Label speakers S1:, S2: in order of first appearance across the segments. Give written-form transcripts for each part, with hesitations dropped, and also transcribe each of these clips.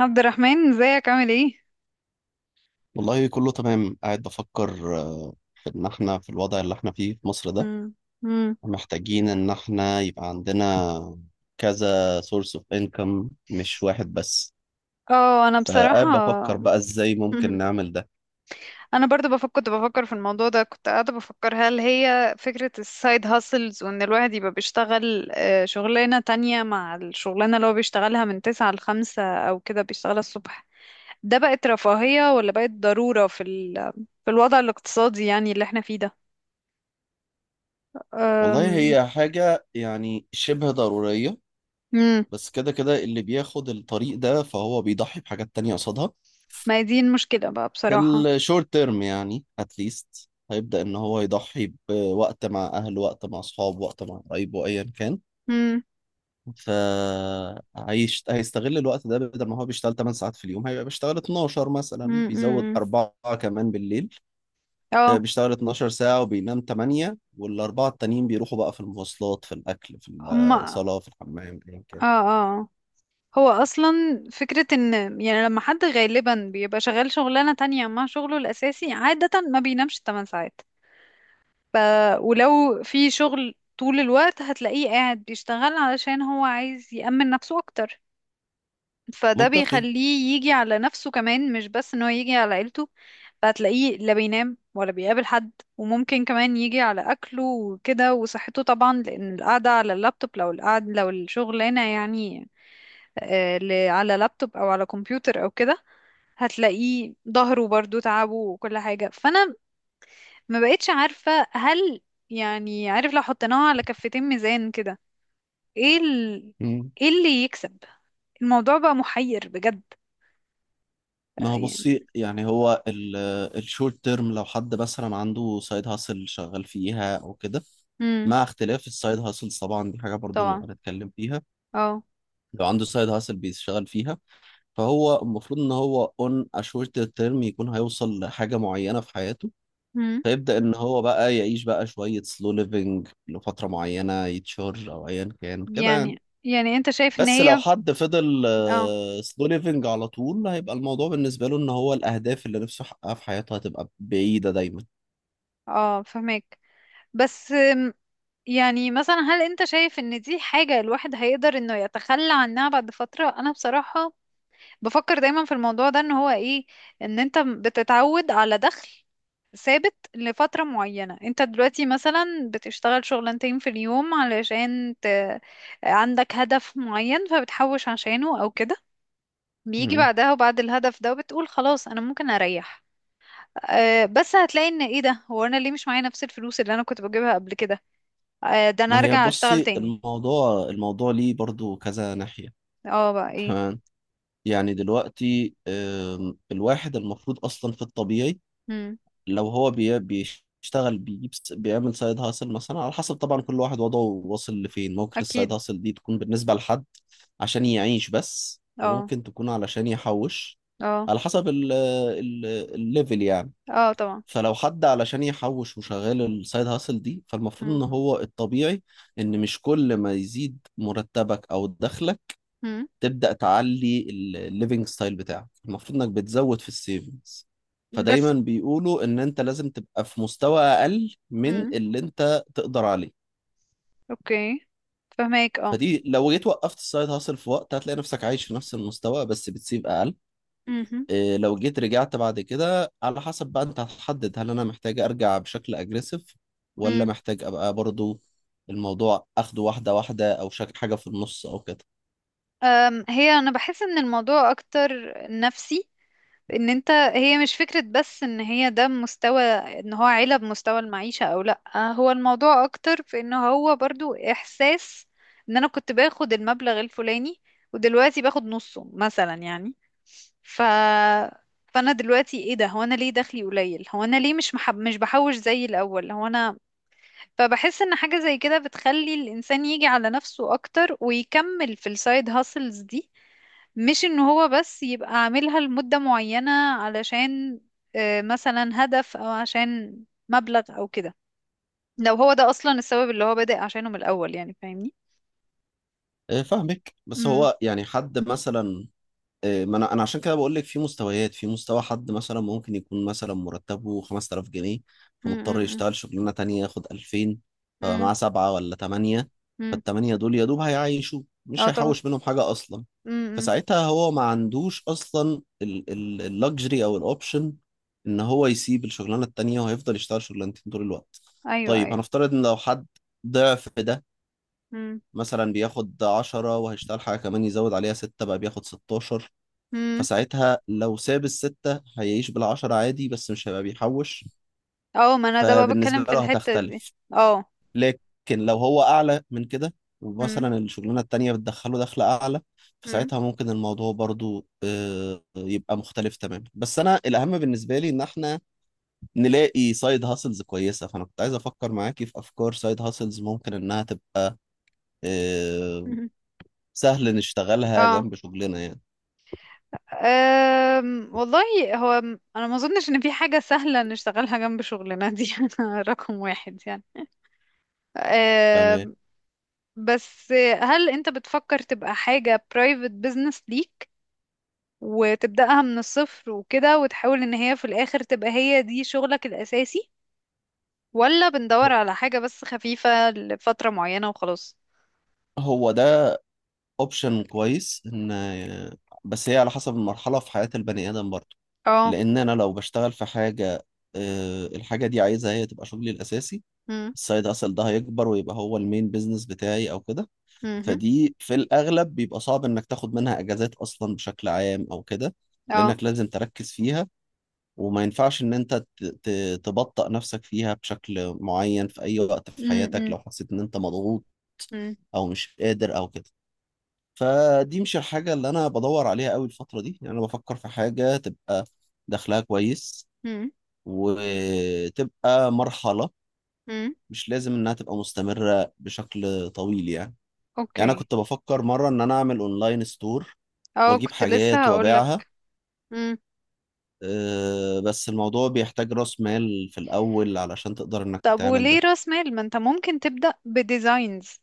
S1: عبد الرحمن ازيك عامل ايه؟
S2: والله كله تمام. قاعد بفكر في ان احنا في الوضع اللي احنا فيه في مصر ده،
S1: مم. مم.
S2: محتاجين ان احنا يبقى عندنا كذا سورس اوف انكم، مش واحد بس.
S1: اه، انا بصراحة
S2: فقاعد بفكر بقى ازاي ممكن
S1: مهم.
S2: نعمل ده.
S1: انا برضو كنت بفكر في الموضوع ده، كنت قاعدة بفكر هل هي فكرة السايد هاسلز وان الواحد يبقى بيشتغل شغلانة تانية مع الشغلانة اللي هو بيشتغلها من تسعة لخمسة، او كده بيشتغلها الصبح. ده بقت رفاهية ولا بقت ضرورة في الوضع الاقتصادي يعني اللي احنا فيه ده.
S2: والله
S1: أم،
S2: هي حاجة يعني شبه ضرورية.
S1: مم.
S2: بس كده كده اللي بياخد الطريق ده فهو بيضحي بحاجات تانية قصادها.
S1: ما هي دي المشكلة بقى
S2: في
S1: بصراحة.
S2: الشورت تيرم يعني اتليست هيبدأ ان هو يضحي بوقت مع اهله، وقت مع اصحابه، وقت مع قرايبه، ايا كان.
S1: مم.
S2: هيستغل الوقت ده. بدل ما هو بيشتغل 8 ساعات في اليوم هيبقى بيشتغل 12 مثلا،
S1: مم. مم.
S2: بيزود
S1: مم.
S2: أربعة كمان بالليل.
S1: اه.
S2: بيشتغل 12 ساعة وبينام 8، والأربعة التانيين بيروحوا بقى في المواصلات، في الأكل، في
S1: هما.
S2: الصلاة، في الحمام، أيا
S1: اه،
S2: كان.
S1: اه. اه. هو اصلا فكرة ان، يعني لما حد غالبا بيبقى شغال شغلانة تانية مع شغله الاساسي عادة ما بينامش 8 ساعات. ف ولو في شغل طول الوقت هتلاقيه قاعد بيشتغل علشان هو عايز يأمن نفسه اكتر، فده
S2: منطقي.
S1: بيخليه يجي على نفسه كمان مش بس ان هو يجي على عيلته. فهتلاقيه لا بينام ولا بيقابل حد، وممكن كمان يجي على أكله وكده وصحته طبعا، لأن القعدة على اللابتوب لو الشغلانة يعني على لابتوب او على كمبيوتر او كده، هتلاقيه ظهره برضو تعبه وكل حاجة. فانا ما بقتش عارفة، هل يعني عارف لو حطيناها على كفتين ميزان كده ايه ال...
S2: مم.
S1: ايه اللي يكسب؟ الموضوع بقى محير بجد
S2: ما
S1: بقى
S2: هو
S1: يعني.
S2: بصي، يعني هو الشورت تيرم لو حد مثلا عنده سايد هاسل شغال فيها او كده،
S1: امم.
S2: مع اختلاف السايد هاسلز طبعا دي حاجه برضو
S1: طبعا.
S2: نبقى نتكلم فيها.
S1: اه.
S2: لو عنده سايد هاسل بيشتغل فيها فهو المفروض ان هو اون اشورت تيرم يكون هيوصل لحاجه معينه في حياته،
S1: امم.
S2: فيبدا ان هو بقى يعيش بقى شويه سلو ليفنج لفتره معينه، يتشهر او ايا كان كده يعني.
S1: يعني انت شايف ان
S2: بس لو
S1: هي.
S2: حد فضل
S1: اه.
S2: سلو ليفنج على طول، هيبقى الموضوع بالنسبه له ان هو الاهداف اللي نفسه يحققها في حياته هتبقى بعيده دايما.
S1: اه، فهمك. بس يعني مثلا هل انت شايف ان دي حاجة الواحد هيقدر انه يتخلى عنها بعد فترة؟ انا بصراحة بفكر دايما في الموضوع ده، ان هو ايه، ان انت بتتعود على دخل ثابت لفترة معينة. انت دلوقتي مثلا بتشتغل شغلانتين في اليوم عندك هدف معين فبتحوش عشانه او كده، بيجي
S2: مم.
S1: بعدها وبعد الهدف ده وبتقول خلاص انا ممكن اريح. أه، بس هتلاقي ان ايه، ده هو انا ليه مش معايا نفس الفلوس اللي انا كنت بجيبها قبل كده؟ أه، ده انا
S2: ما هي
S1: ارجع اشتغل
S2: بصي،
S1: تاني.
S2: الموضوع ليه برضو كذا ناحيه.
S1: اه بقى ايه.
S2: تمام. يعني دلوقتي الواحد المفروض اصلا في الطبيعي،
S1: مم.
S2: لو هو بيشتغل بيعمل سايد هاسل مثلا، على حسب طبعا كل واحد وضعه، واصل لفين. ممكن السايد
S1: اكيد.
S2: هاسل دي تكون بالنسبة لحد عشان يعيش بس،
S1: اه.
S2: وممكن تكون علشان يحوش،
S1: اه.
S2: على حسب ال الليفل يعني.
S1: اه طبعا.
S2: فلو حد علشان يحوش وشغال السايد هاسل دي، فالمفروض
S1: مم.
S2: ان هو الطبيعي ان مش كل ما يزيد مرتبك او دخلك
S1: مم.
S2: تبدأ تعلي الليفنج ستايل بتاعك، المفروض انك بتزود في السيفنجز.
S1: بس،
S2: فدايما بيقولوا ان انت لازم تبقى في مستوى اقل من
S1: امم،
S2: اللي انت تقدر عليه.
S1: اوكي، فهماك، اه.
S2: فدي لو جيت وقفت السايد هاسل في وقت، هتلاقي نفسك عايش في نفس المستوى بس بتسيب اقل.
S1: امم.
S2: إيه لو جيت رجعت بعد كده، على حسب بقى انت هتحدد، هل انا محتاج ارجع بشكل اجريسيف، ولا
S1: امم.
S2: محتاج ابقى برضو الموضوع اخده واحدة واحدة، او شك حاجة في النص او كده.
S1: هي انا بحس ان الموضوع اكتر نفسي، ان انت، هي مش فكرة بس ان هي ده مستوى، ان هو عيلة بمستوى المعيشة او لا، هو الموضوع اكتر في ان هو برضو احساس ان انا كنت باخد المبلغ الفلاني ودلوقتي باخد نصه مثلا يعني. ف فانا دلوقتي ايه، ده هو انا ليه دخلي قليل، هو انا ليه مش بحوش زي الاول هو انا. فبحس ان حاجة زي كده بتخلي الانسان يجي على نفسه اكتر ويكمل في السايد هاسلز دي، مش ان هو بس يبقى عاملها لمدة معينة علشان مثلا هدف او عشان مبلغ او كده، لو هو ده اصلا السبب اللي هو بادئ عشانه من الاول يعني، فاهمني.
S2: إيه فاهمك، بس
S1: امم.
S2: هو يعني حد مثلا، إيه، ما انا عشان كده بقول لك، في مستويات. في مستوى حد مثلا ممكن يكون مثلا مرتبه 5000 جنيه، فمضطر
S1: امم.
S2: يشتغل شغلانه تانية ياخد 2000،
S1: امم.
S2: فمعاه سبعه ولا ثمانيه.
S1: امم.
S2: فالثمانيه دول يا دوب هيعيشوا، مش
S1: اه طبعا.
S2: هيحوش منهم حاجه اصلا.
S1: امم.
S2: فساعتها هو ما عندوش اصلا اللكجري او الاوبشن ان هو يسيب الشغلانه التانية، وهيفضل يشتغل شغلانتين طول الوقت.
S1: ايوه،
S2: طيب،
S1: ايوه.
S2: هنفترض ان لو حد ضعف ده،
S1: امم.
S2: مثلا بياخد 10 وهيشتغل حاجه كمان يزود عليها 6، بقى بياخد 16.
S1: امم.
S2: فساعتها لو ساب الستة هيعيش بالعشرة عادي، بس مش هيبقى بيحوش.
S1: اه، ما انا ده بقى بتكلم
S2: فبالنسبة
S1: في
S2: له
S1: الحتة دي.
S2: هتختلف.
S1: اه.
S2: لكن لو هو أعلى من كده،
S1: امم.
S2: ومثلا الشغلانة التانية بتدخله دخل أعلى،
S1: امم.
S2: فساعتها ممكن الموضوع برضو يبقى مختلف تماما. بس أنا الأهم بالنسبة لي إن إحنا نلاقي سايد هاسلز كويسة، فأنا كنت عايز أفكر معاكي في أفكار سايد هاسلز ممكن إنها تبقى آه، سهل نشتغلها
S1: اه.
S2: جنب شغلنا يعني.
S1: والله هو انا ما اظنش ان في حاجه سهله نشتغلها جنب شغلنا دي رقم واحد يعني.
S2: تمام.
S1: أم بس، هل انت بتفكر تبقى حاجه private business ليك، وتبداها من الصفر وكده وتحاول ان هي في الاخر تبقى هي دي شغلك الاساسي؟ ولا بندور على حاجه بس خفيفه لفتره معينه وخلاص؟
S2: هو ده اوبشن كويس، ان بس هي على حسب المرحله في حياه البني ادم برضه.
S1: اه.
S2: لان انا لو بشتغل في حاجه، الحاجه دي عايزها هي تبقى شغلي الاساسي،
S1: امم.
S2: السايد اصل ده هيكبر ويبقى هو المين بيزنس بتاعي او كده.
S1: امم.
S2: فدي في الاغلب بيبقى صعب انك تاخد منها اجازات اصلا بشكل عام او كده،
S1: اه.
S2: لانك لازم تركز فيها، وما ينفعش ان انت تبطأ نفسك فيها بشكل معين في اي وقت في حياتك
S1: امم.
S2: لو حسيت ان انت مضغوط
S1: امم.
S2: او مش قادر او كده. فدي مش الحاجة اللي أنا بدور عليها قوي الفترة دي. يعني أنا بفكر في حاجة تبقى دخلها كويس، وتبقى مرحلة،
S1: امم.
S2: مش لازم إنها تبقى مستمرة بشكل طويل يعني. يعني أنا
S1: اوكي.
S2: كنت بفكر مرة إن أنا أعمل أونلاين ستور،
S1: اه
S2: وأجيب
S1: كنت لسه
S2: حاجات وأبيعها.
S1: هقولك.
S2: بس الموضوع بيحتاج رأس مال في الأول علشان تقدر إنك
S1: طب
S2: تعمل
S1: وليه
S2: ده.
S1: راس مال؟ ما انت ممكن تبدأ بديزاينز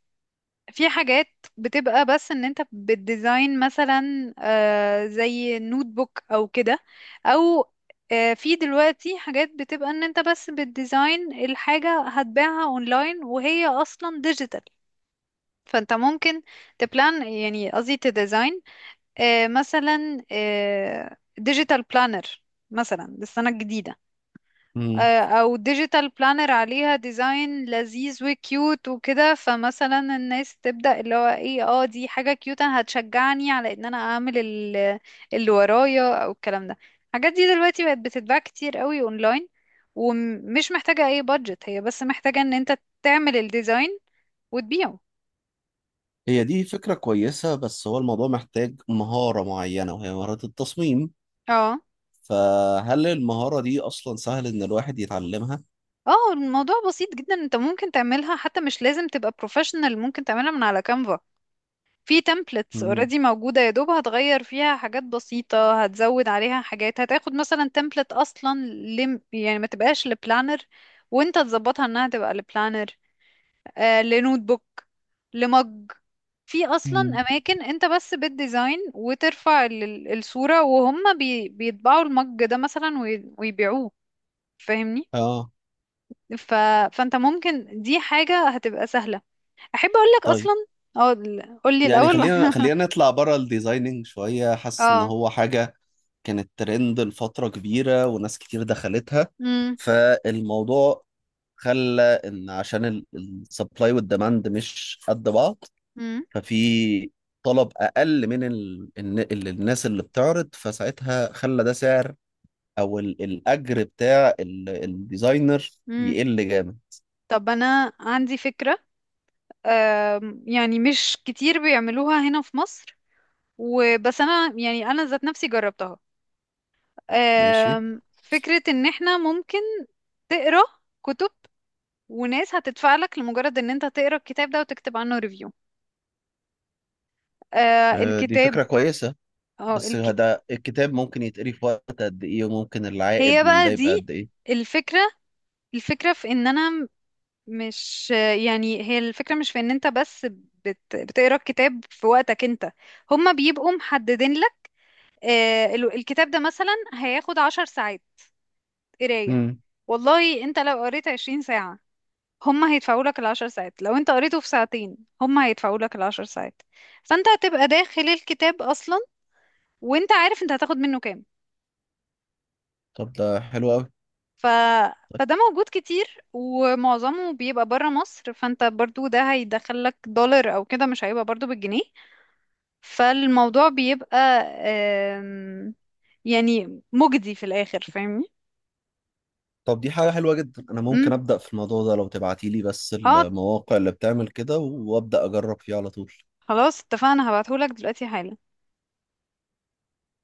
S1: في حاجات بتبقى بس ان انت بتديزاين، مثلا زي نوت بوك او كده، او في دلوقتي حاجات بتبقى ان انت بس بتديزاين الحاجة، هتباعها اونلاين وهي اصلا ديجيتال. فانت ممكن تبلان، يعني قصدي تديزاين، آه مثلا آه ديجيتال بلانر مثلا للسنة الجديدة،
S2: مم.
S1: او ديجيتال بلانر عليها ديزاين لذيذ وكيوت وكده. فمثلا الناس تبدأ اللي هو ايه، دي حاجة كيوت انا هتشجعني على ان انا اعمل اللي ورايا او الكلام ده. الحاجات دي دلوقتي بقت بتتباع كتير قوي اونلاين ومش محتاجة اي بادجت، هي بس محتاجة ان انت تعمل الديزاين وتبيعه.
S2: هي دي فكرة كويسة، بس هو الموضوع محتاج مهارة معينة وهي مهارة التصميم،
S1: اه.
S2: فهل المهارة دي أصلا سهل إن الواحد يتعلمها؟
S1: اه، الموضوع بسيط جدا، انت ممكن تعملها حتى مش لازم تبقى بروفيشنال، ممكن تعملها من على كانفا. في تمبلتس
S2: مم.
S1: اوريدي موجودة، يا دوب هتغير فيها حاجات بسيطة هتزود عليها حاجات، هتاخد مثلا تمبلت اصلا لم، يعني ما تبقاش لبلانر وانت تظبطها انها تبقى لبلانر، لنوت بوك، لمج. في اصلا
S2: مم.
S1: اماكن انت بس بالديزاين وترفع الصورة، وهم بيطبعوا المج ده مثلا ويبيعوه. فاهمني.
S2: اه.
S1: ف... فانت ممكن، دي حاجة هتبقى سهلة، احب اقولك
S2: طيب.
S1: اصلا. اه قولي
S2: يعني
S1: الاول.
S2: خلينا نطلع بره الديزايننج شوية. حاسس ان
S1: اه.
S2: هو حاجة كانت ترند لفترة كبيرة وناس كتير دخلتها،
S1: امم.
S2: فالموضوع خلى ان عشان السبلاي والديماند مش قد بعض، ففي طلب اقل من الناس اللي بتعرض، فساعتها خلى ده سعر او الاجر بتاع الديزاينر
S1: مم.
S2: يقل جامد.
S1: طب انا عندي فكرة، يعني مش كتير بيعملوها هنا في مصر، وبس انا يعني انا ذات نفسي جربتها.
S2: ماشي.
S1: فكرة ان احنا ممكن تقرا كتب وناس هتدفع لك لمجرد ان انت تقرا الكتاب ده وتكتب عنه ريفيو،
S2: دي
S1: الكتاب.
S2: فكرة كويسة،
S1: اه
S2: بس ده الكتاب ممكن يتقري في وقت قد ايه؟ وممكن
S1: هي
S2: العائد من
S1: بقى
S2: ده يبقى
S1: دي
S2: قد ايه؟
S1: الفكرة. الفكرة في ان انا مش، يعني هي الفكرة مش في ان انت بس بتقرا الكتاب في وقتك انت، هما بيبقوا محددين، ال- الكتاب ده مثلا هياخد 10 ساعات قراية.
S2: امم.
S1: والله انت لو قريت 20 ساعة، هما هيدفعوا لك الـ10 ساعات، لو انت قريته في ساعتين هما هيدفعوا لك العشر ساعات. فانت هتبقى داخل الكتاب اصلا وانت عارف انت هتاخد منه كام.
S2: طب ده حلو قوي.
S1: ف... فده موجود كتير ومعظمه بيبقى برا مصر، فانت برضو ده هيدخل لك دولار او كده، مش هيبقى برضو بالجنيه. فالموضوع بيبقى آم، يعني مجدي في الاخر، فاهمني.
S2: طب دي حاجة حلوة جدا، انا
S1: مم.
S2: ممكن ابدأ في الموضوع ده لو تبعتيلي بس
S1: اه
S2: المواقع اللي بتعمل كده، وابدأ اجرب فيه على طول
S1: خلاص اتفقنا، هبعتهولك دلوقتي حالا.